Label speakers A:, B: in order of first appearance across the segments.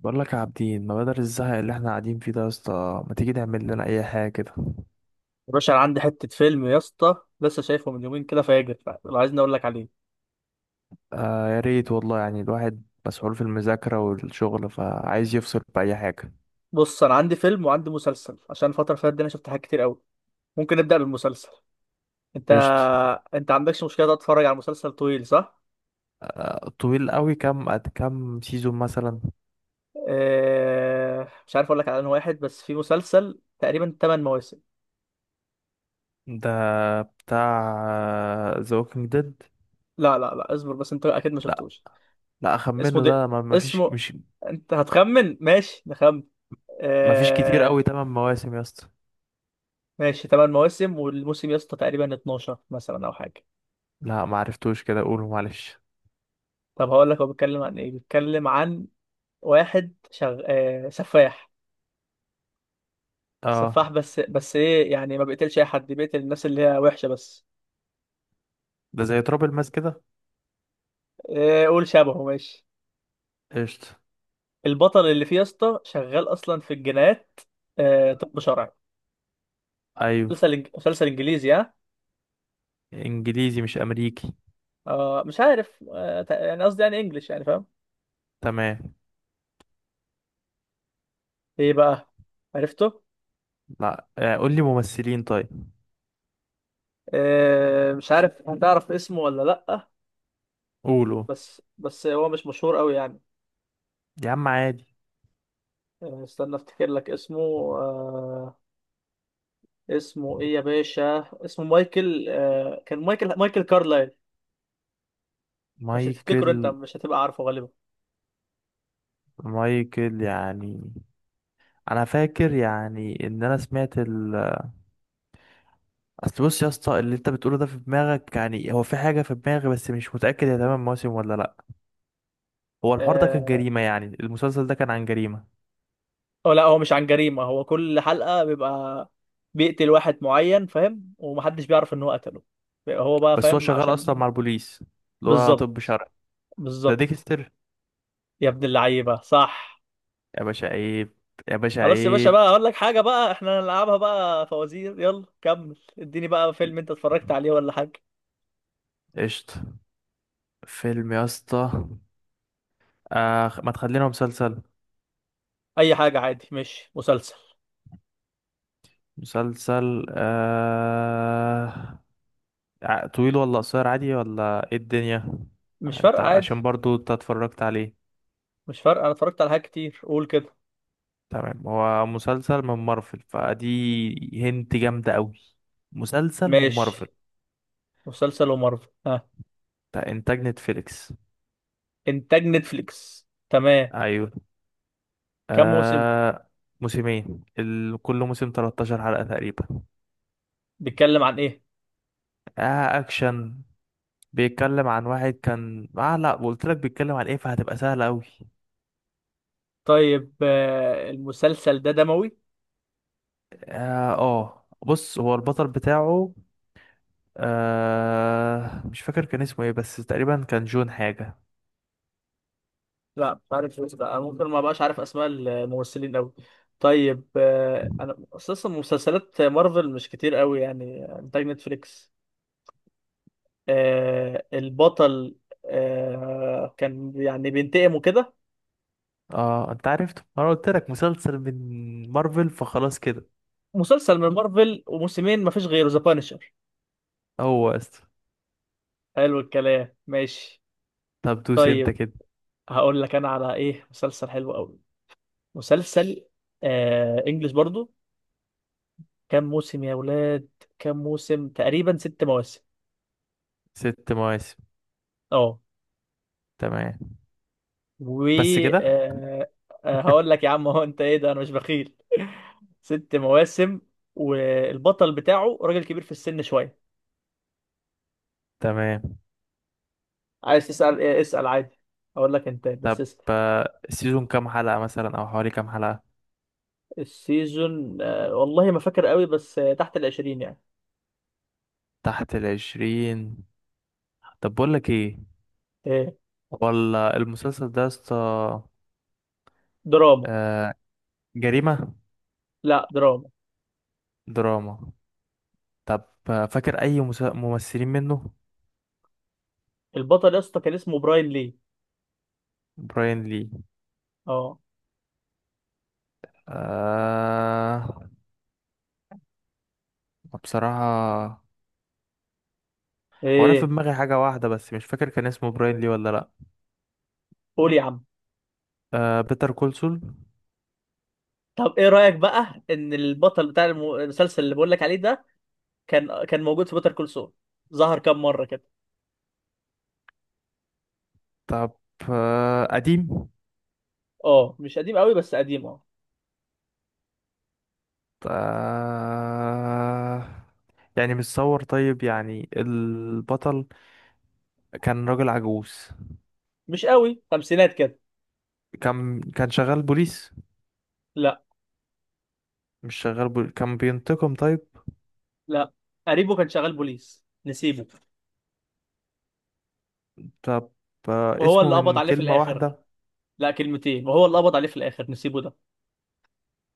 A: بقول لك يا عابدين، ما بدل الزهق اللي احنا قاعدين فيه ده يا اسطى، ما تيجي نعمل لنا اي حاجه كده؟
B: يا باشا انا عندي حته فيلم يا اسطى. لسه شايفه من يومين كده فاجر. لو عايزني اقول لك عليه.
A: آه، يا ريت والله، يعني الواحد مسحول في المذاكره والشغل، فعايز يفصل باي حاجه.
B: بص، انا عندي فيلم وعندي مسلسل. عشان الفتره اللي فاتت دي انا شفت حاجات كتير قوي. ممكن نبدا بالمسلسل. انت
A: قشطه.
B: انت عندكش مشكله تقعد تتفرج على مسلسل طويل، صح؟
A: آه، طويل قوي، كام سيزون مثلا؟
B: اه... مش عارف اقول لك على انه واحد، بس في مسلسل تقريبا 8 مواسم.
A: ده بتاع ذا ووكينج ديد؟
B: لا لا لا، اصبر بس، انت اكيد ما
A: لا،
B: شفتوش.
A: لا،
B: اسمه
A: اخمنه
B: دي...
A: ده، ما فيش،
B: اسمه،
A: مش...
B: انت هتخمن، ماشي نخمن.
A: ما فيش كتير
B: اه...
A: قوي، 8 مواسم يا اسطى.
B: ماشي، 8 مواسم، والموسم يا اسطى تقريبا 12 مثلا او حاجه.
A: لا، ما عرفتوش، كده قوله معلش.
B: طب هقول لك هو بيتكلم عن ايه. بيتكلم عن واحد سفاح.
A: اه،
B: سفاح، بس ايه يعني، ما بيقتلش اي حد، بيقتل الناس اللي هي وحشه بس.
A: ده زي تراب الماس كده.
B: إيه، قول شبهه، ماشي.
A: قشطه.
B: البطل اللي فيه يا اسطى شغال اصلا في الجنايات. طب شرعي.
A: ايوه.
B: مسلسل انجليزي، ها.
A: انجليزي مش امريكي؟
B: مش عارف، يعني قصدي يعني انجليش، يعني فاهم.
A: تمام.
B: ايه بقى، عرفته؟
A: لا، قول لي ممثلين طيب.
B: مش عارف هتعرف اسمه ولا لأ.
A: قولوا.
B: بس هو مش مشهور قوي يعني.
A: يا عم عادي.
B: استنى افتكر لك اسمه. آه، اسمه ايه يا باشا؟ اسمه مايكل، كان مايكل كارلايل. مش هتفتكره، انت
A: مايكل
B: مش هتبقى عارفه غالبا.
A: مايكل يعني... انا فاكر يعني، ان انا سمعت ال... اصل بص يا اسطى، اللي انت بتقوله ده في دماغك يعني، هو في حاجه في دماغي، بس مش متاكد هي تمام موسم ولا لا. هو الحوار ده كان
B: اه
A: جريمه يعني، المسلسل ده كان عن جريمه؟
B: أو لا، هو مش عن جريمة، هو كل حلقة بيبقى بيقتل واحد معين، فاهم؟ ومحدش بيعرف ان هو قتله. بيبقى هو بقى
A: بس هو
B: فاهم،
A: شغال اصلا
B: عشان.
A: مع البوليس، اللي هو طب
B: بالظبط.
A: شرعي. ده
B: بالظبط.
A: ديكستر.
B: يا ابن اللعيبة، صح.
A: يا باشا عيب. يا باشا
B: خلاص يا باشا
A: عيب.
B: بقى، اقول لك حاجة بقى، احنا هنلعبها بقى فوازير. يلا كمل، اديني بقى فيلم انت اتفرجت عليه ولا حاجة.
A: قشطه. فيلم يا اسطى. آه، ما تخلينا مسلسل.
B: اي حاجة عادي، مش مسلسل.
A: مسلسل. طويل ولا قصير، عادي، ولا ايه الدنيا؟
B: مش
A: انت
B: فارقة، عادي.
A: عشان برضو انت اتفرجت عليه؟
B: مش فارقة، انا اتفرجت على حاجات كتير، قول كده.
A: تمام. هو مسلسل من مارفل، فدي هنت جامدة قوي. مسلسل ومارفل.
B: ماشي. مسلسل ومارفل، ها.
A: بتاع انتاج نتفليكس.
B: انتاج نتفليكس، تمام.
A: ايوه.
B: كم موسم؟
A: آه... موسمين، كل موسم 13 حلقة تقريبا.
B: بيتكلم عن ايه؟
A: آه، اكشن. بيتكلم عن واحد كان، لا، قلت لك بيتكلم عن ايه، فهتبقى سهلة قوي.
B: طيب، المسلسل ده دموي؟
A: اه، آه. بص هو البطل بتاعه. مش فاكر كان اسمه ايه، بس تقريبا كان جون حاجة.
B: لا مش عارف إيه ده، انا ممكن ما بقاش عارف اسماء الممثلين قوي. طيب، انا اساسا مسلسلات مارفل مش كتير قوي يعني، انتاج نتفليكس. البطل، كان يعني بينتقم وكده.
A: اه، انت عرفت، ما انا قلت لك مسلسل من مارفل، فخلاص كده.
B: مسلسل من مارفل وموسمين، مفيش غيره، ذا بانشر.
A: هو است
B: حلو الكلام، ماشي.
A: طب دوس انت
B: طيب،
A: كده.
B: هقول لك انا على ايه مسلسل حلو قوي. مسلسل، انجلش برضو. كام موسم يا ولاد؟ كام موسم؟ تقريبا ست مواسم.
A: 6 مواسم.
B: اه.
A: تمام.
B: و
A: بس كده.
B: آه هقول لك يا عم، هو انت ايه ده، انا مش بخيل. ست مواسم. والبطل بتاعه راجل كبير في السن شويه.
A: تمام.
B: عايز تسأل إيه؟ اسأل عادي. هقول لك، انت بس
A: طب،
B: اسأل.
A: السيزون كام حلقة مثلا، او حوالي كام حلقة؟
B: السيزون، والله ما فاكر قوي، بس تحت العشرين يعني.
A: تحت العشرين. طب بقول لك ايه،
B: إيه؟
A: ولا المسلسل ده يا اسطى.
B: دراما.
A: آه، جريمة؟
B: لا، دراما.
A: دراما. طب، فاكر اي ممثلين منه؟
B: البطل يا اسطى كان اسمه براين لي.
A: براين لي؟
B: اه.
A: آه. بصراحة، هو أنا في
B: ايه؟
A: دماغي حاجة واحدة، بس مش فاكر كان اسمه براين لي ولا لأ.
B: قول يا عم.
A: بيتر كولسول.
B: طب ايه رأيك بقى ان البطل بتاع المسلسل اللي بقول لك عليه ده كان موجود في بيتر كول سول؟ ظهر كام مرة كده.
A: طب. قديم؟
B: اه مش قديم قوي، بس قديم، اه.
A: آه يعني متصور، طيب يعني البطل كان راجل عجوز.
B: مش قوي، خمسينات كده.
A: كان شغال بوليس.
B: لا.
A: مش شغال، كان بينتقم طيب.
B: لا، قريبه كان شغال بوليس، نسيبه.
A: طب.
B: وهو
A: اسمه
B: اللي قبض
A: من
B: عليه في
A: كلمة
B: الاخر.
A: واحدة؟
B: لا، كلمتين. وهو اللي قبض عليه في الاخر نسيبه ده.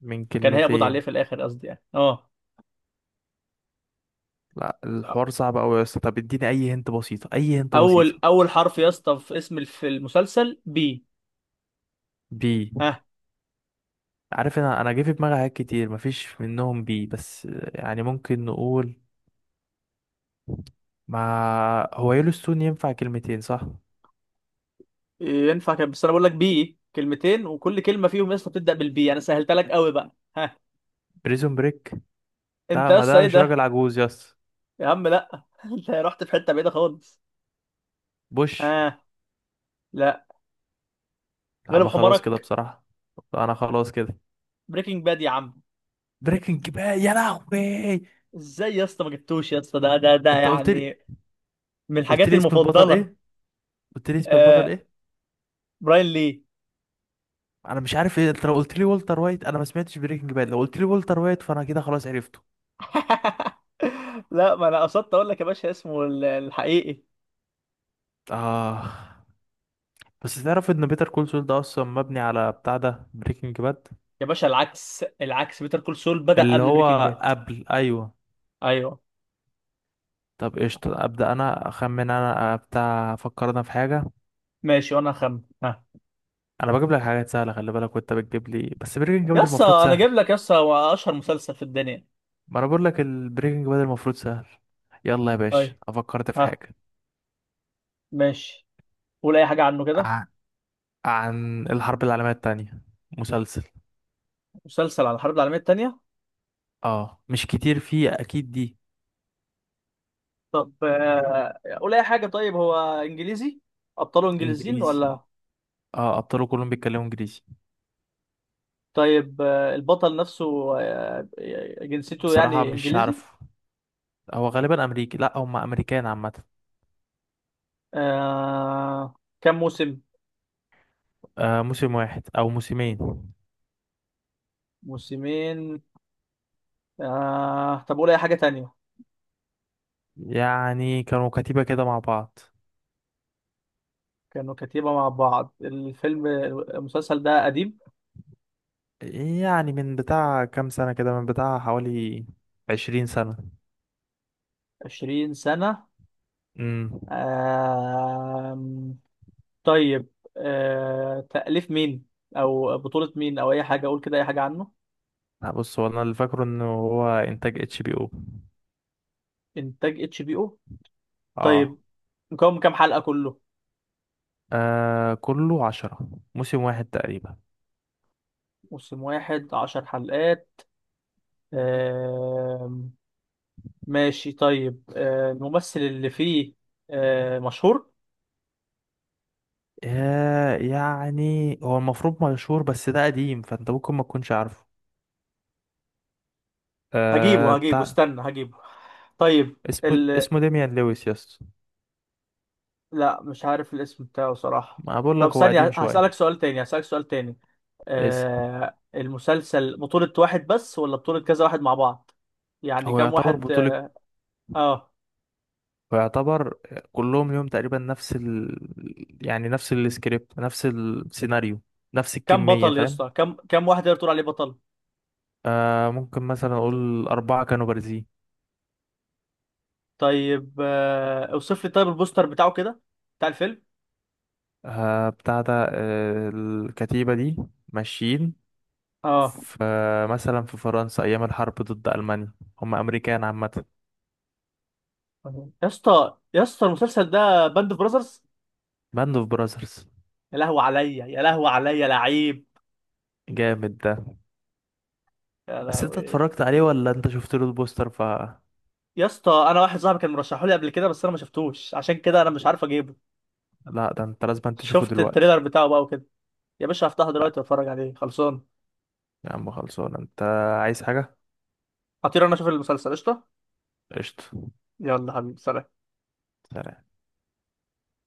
A: من
B: كان هيقبض عليه
A: كلمتين؟
B: في الاخر، قصدي يعني، اه.
A: لأ، الحوار صعب أوي يا اسطى، طب اديني أي هنت بسيطة، أي هنت
B: اول
A: بسيطة.
B: اول حرف يا اسطى في اسم المسلسل بي.
A: بي؟
B: ها.
A: عارف، انا جه في دماغي حاجات كتير مفيش منهم بي، بس... يعني ممكن نقول، ما هو يellowstone ينفع كلمتين صح؟
B: ينفع كده، بس انا بقول لك بي، كلمتين، وكل كلمه فيهم يا اسطى بتبدا بالبي، انا سهلتها لك قوي بقى، ها.
A: بريزون بريك.
B: انت
A: لا،
B: يا
A: ما
B: اسطى،
A: ده
B: ايه
A: مش
B: ده؟
A: راجل عجوز، يس.
B: يا عم لا انت رحت في حته بعيده خالص.
A: بوش.
B: ها. لا.
A: لا،
B: غلب
A: ما خلاص كده
B: حمارك.
A: بصراحة. انا خلاص كده.
B: بريكنج باد يا عم.
A: بريكنج باد! يا لهوي!
B: ازاي يا اسطى ما جبتوش؟ يا اسطى ده
A: انت قلت لي.
B: يعني من
A: قلت
B: الحاجات
A: لي اسم البطل
B: المفضله.
A: ايه. قلت لي اسم البطل
B: آه.
A: ايه.
B: براين لي.
A: انا مش عارف ايه، انت لو قلت لي والتر وايت، انا ما سمعتش بريكنج باد، لو قلت لي والتر وايت، فانا كده خلاص عرفته.
B: لا، ما انا قصدت اقول لك يا باشا اسمه الحقيقي.
A: اه. بس تعرف ان بيتر كول سول ده اصلا مبني على بتاع ده، بريكنج باد.
B: يا باشا العكس، العكس، بيتر كول سول بدأ
A: اللي
B: قبل بريكنج
A: هو
B: باد.
A: قبل، أيوه.
B: ايوه.
A: طب قشطة، أبدأ أنا أخمن، أنا بتاع أفكر أنا في حاجة.
B: ماشي، وانا هخمن، ها.
A: أنا بجيب لك حاجات سهلة، خلي بالك، وأنت بتجيب لي، بس بريكنج باد
B: يس،
A: المفروض
B: انا
A: سهل.
B: جايب لك يس اشهر مسلسل في الدنيا.
A: ما أنا بقول لك، البريكنج باد المفروض سهل. يلا يا باشا،
B: طيب.
A: أفكرت في
B: ها.
A: حاجة.
B: ماشي. قول اي حاجه عنه كده.
A: ع- عن الحرب العالمية التانية. مسلسل.
B: مسلسل عن الحرب العالميه الثانيه.
A: اه، مش كتير فيه أكيد دي.
B: طب قول اي حاجه. طيب، هو انجليزي؟ ابطاله انجليزيين
A: إنجليزي.
B: ولا؟
A: اه، أبطاله كلهم بيتكلموا إنجليزي.
B: طيب، البطل نفسه، آه، جنسيته
A: بصراحة
B: يعني
A: مش
B: انجليزي؟
A: عارف. هو غالبا أمريكي، لأ، هما أمريكان عامة.
B: آه، كم موسم؟
A: موسم واحد أو موسمين.
B: موسمين. طب قول اي حاجه تانية.
A: يعني كانوا كتيبة كده مع بعض.
B: كانوا كتيبة مع بعض. الفيلم، المسلسل ده قديم؟
A: يعني من بتاع كام سنة كده، من بتاع حوالي 20 سنة.
B: 20 سنة.
A: امم.
B: آه، طيب. تأليف مين، او بطولة مين، او اي حاجة اقول كده، اي حاجة عنه.
A: لا، بص، هو أنا اللي فاكره إنه هو إنتاج HBO.
B: انتاج اتش بي او.
A: آه.
B: طيب. مكون من كام حلقة كله؟
A: كله 10. موسم واحد تقريبا.
B: موسم واحد، عشر حلقات. آه... ماشي. طيب، الممثل اللي فيه، مشهور؟
A: يعني هو المفروض مشهور، بس ده قديم، فأنت ممكن ما تكونش عارفه.
B: هجيبه هجيبه
A: بتاع...
B: استنى هجيبه. طيب.
A: اسمه ديميان لويس، يس.
B: لا، مش عارف الاسم بتاعه صراحة.
A: ما بقول
B: طب
A: لك، هو قديم
B: ثانية،
A: شوية.
B: هسألك سؤال تاني.
A: اسم...
B: المسلسل بطولة واحد بس، ولا بطولة كذا واحد مع بعض؟ يعني
A: هو
B: كم
A: يعتبر
B: واحد؟
A: بطولة.
B: اه،
A: فيعتبر... كلهم ليهم تقريبا نفس ال... يعني نفس السكريبت، نفس السيناريو. نفس
B: كم
A: الكمية،
B: بطل يا
A: فاهم.
B: اسطى؟ كم واحد يقدر تقول عليه بطل؟
A: ممكن مثلا أقول أربعة كانوا بارزين.
B: طيب، اوصف لي طيب البوستر بتاعه كده، بتاع الفيلم.
A: بتاع ده، الكتيبة دي ماشيين
B: اه.
A: في، مثلا في فرنسا، أيام الحرب ضد ألمانيا. هم أمريكان عامة.
B: يا اسطى، يا اسطى، المسلسل ده باند اوف براذرز.
A: باند أوف براذرز!
B: يا لهوي عليا، يا لهوي عليا، لعيب.
A: جامد ده.
B: يا
A: بس أنت
B: لهوي.
A: اتفرجت عليه ولا أنت شفت له البوستر، ف...
B: يا اسطى، انا واحد صاحبي كان مرشحه لي قبل كده، بس انا ما شفتوش، عشان كده انا مش عارف اجيبه.
A: لا، ده أنت لازم تشوفه
B: شفت
A: دلوقتي.
B: التريلر بتاعه بقى وكده. يا باشا هفتحه
A: لا،
B: دلوقتي واتفرج عليه، خلصان.
A: يا عم خلصان أنت. عايز حاجة؟
B: هطير انا اشوف المسلسل، قشطه.
A: قشطة.
B: يلا حبيبي، سلام.
A: سلام.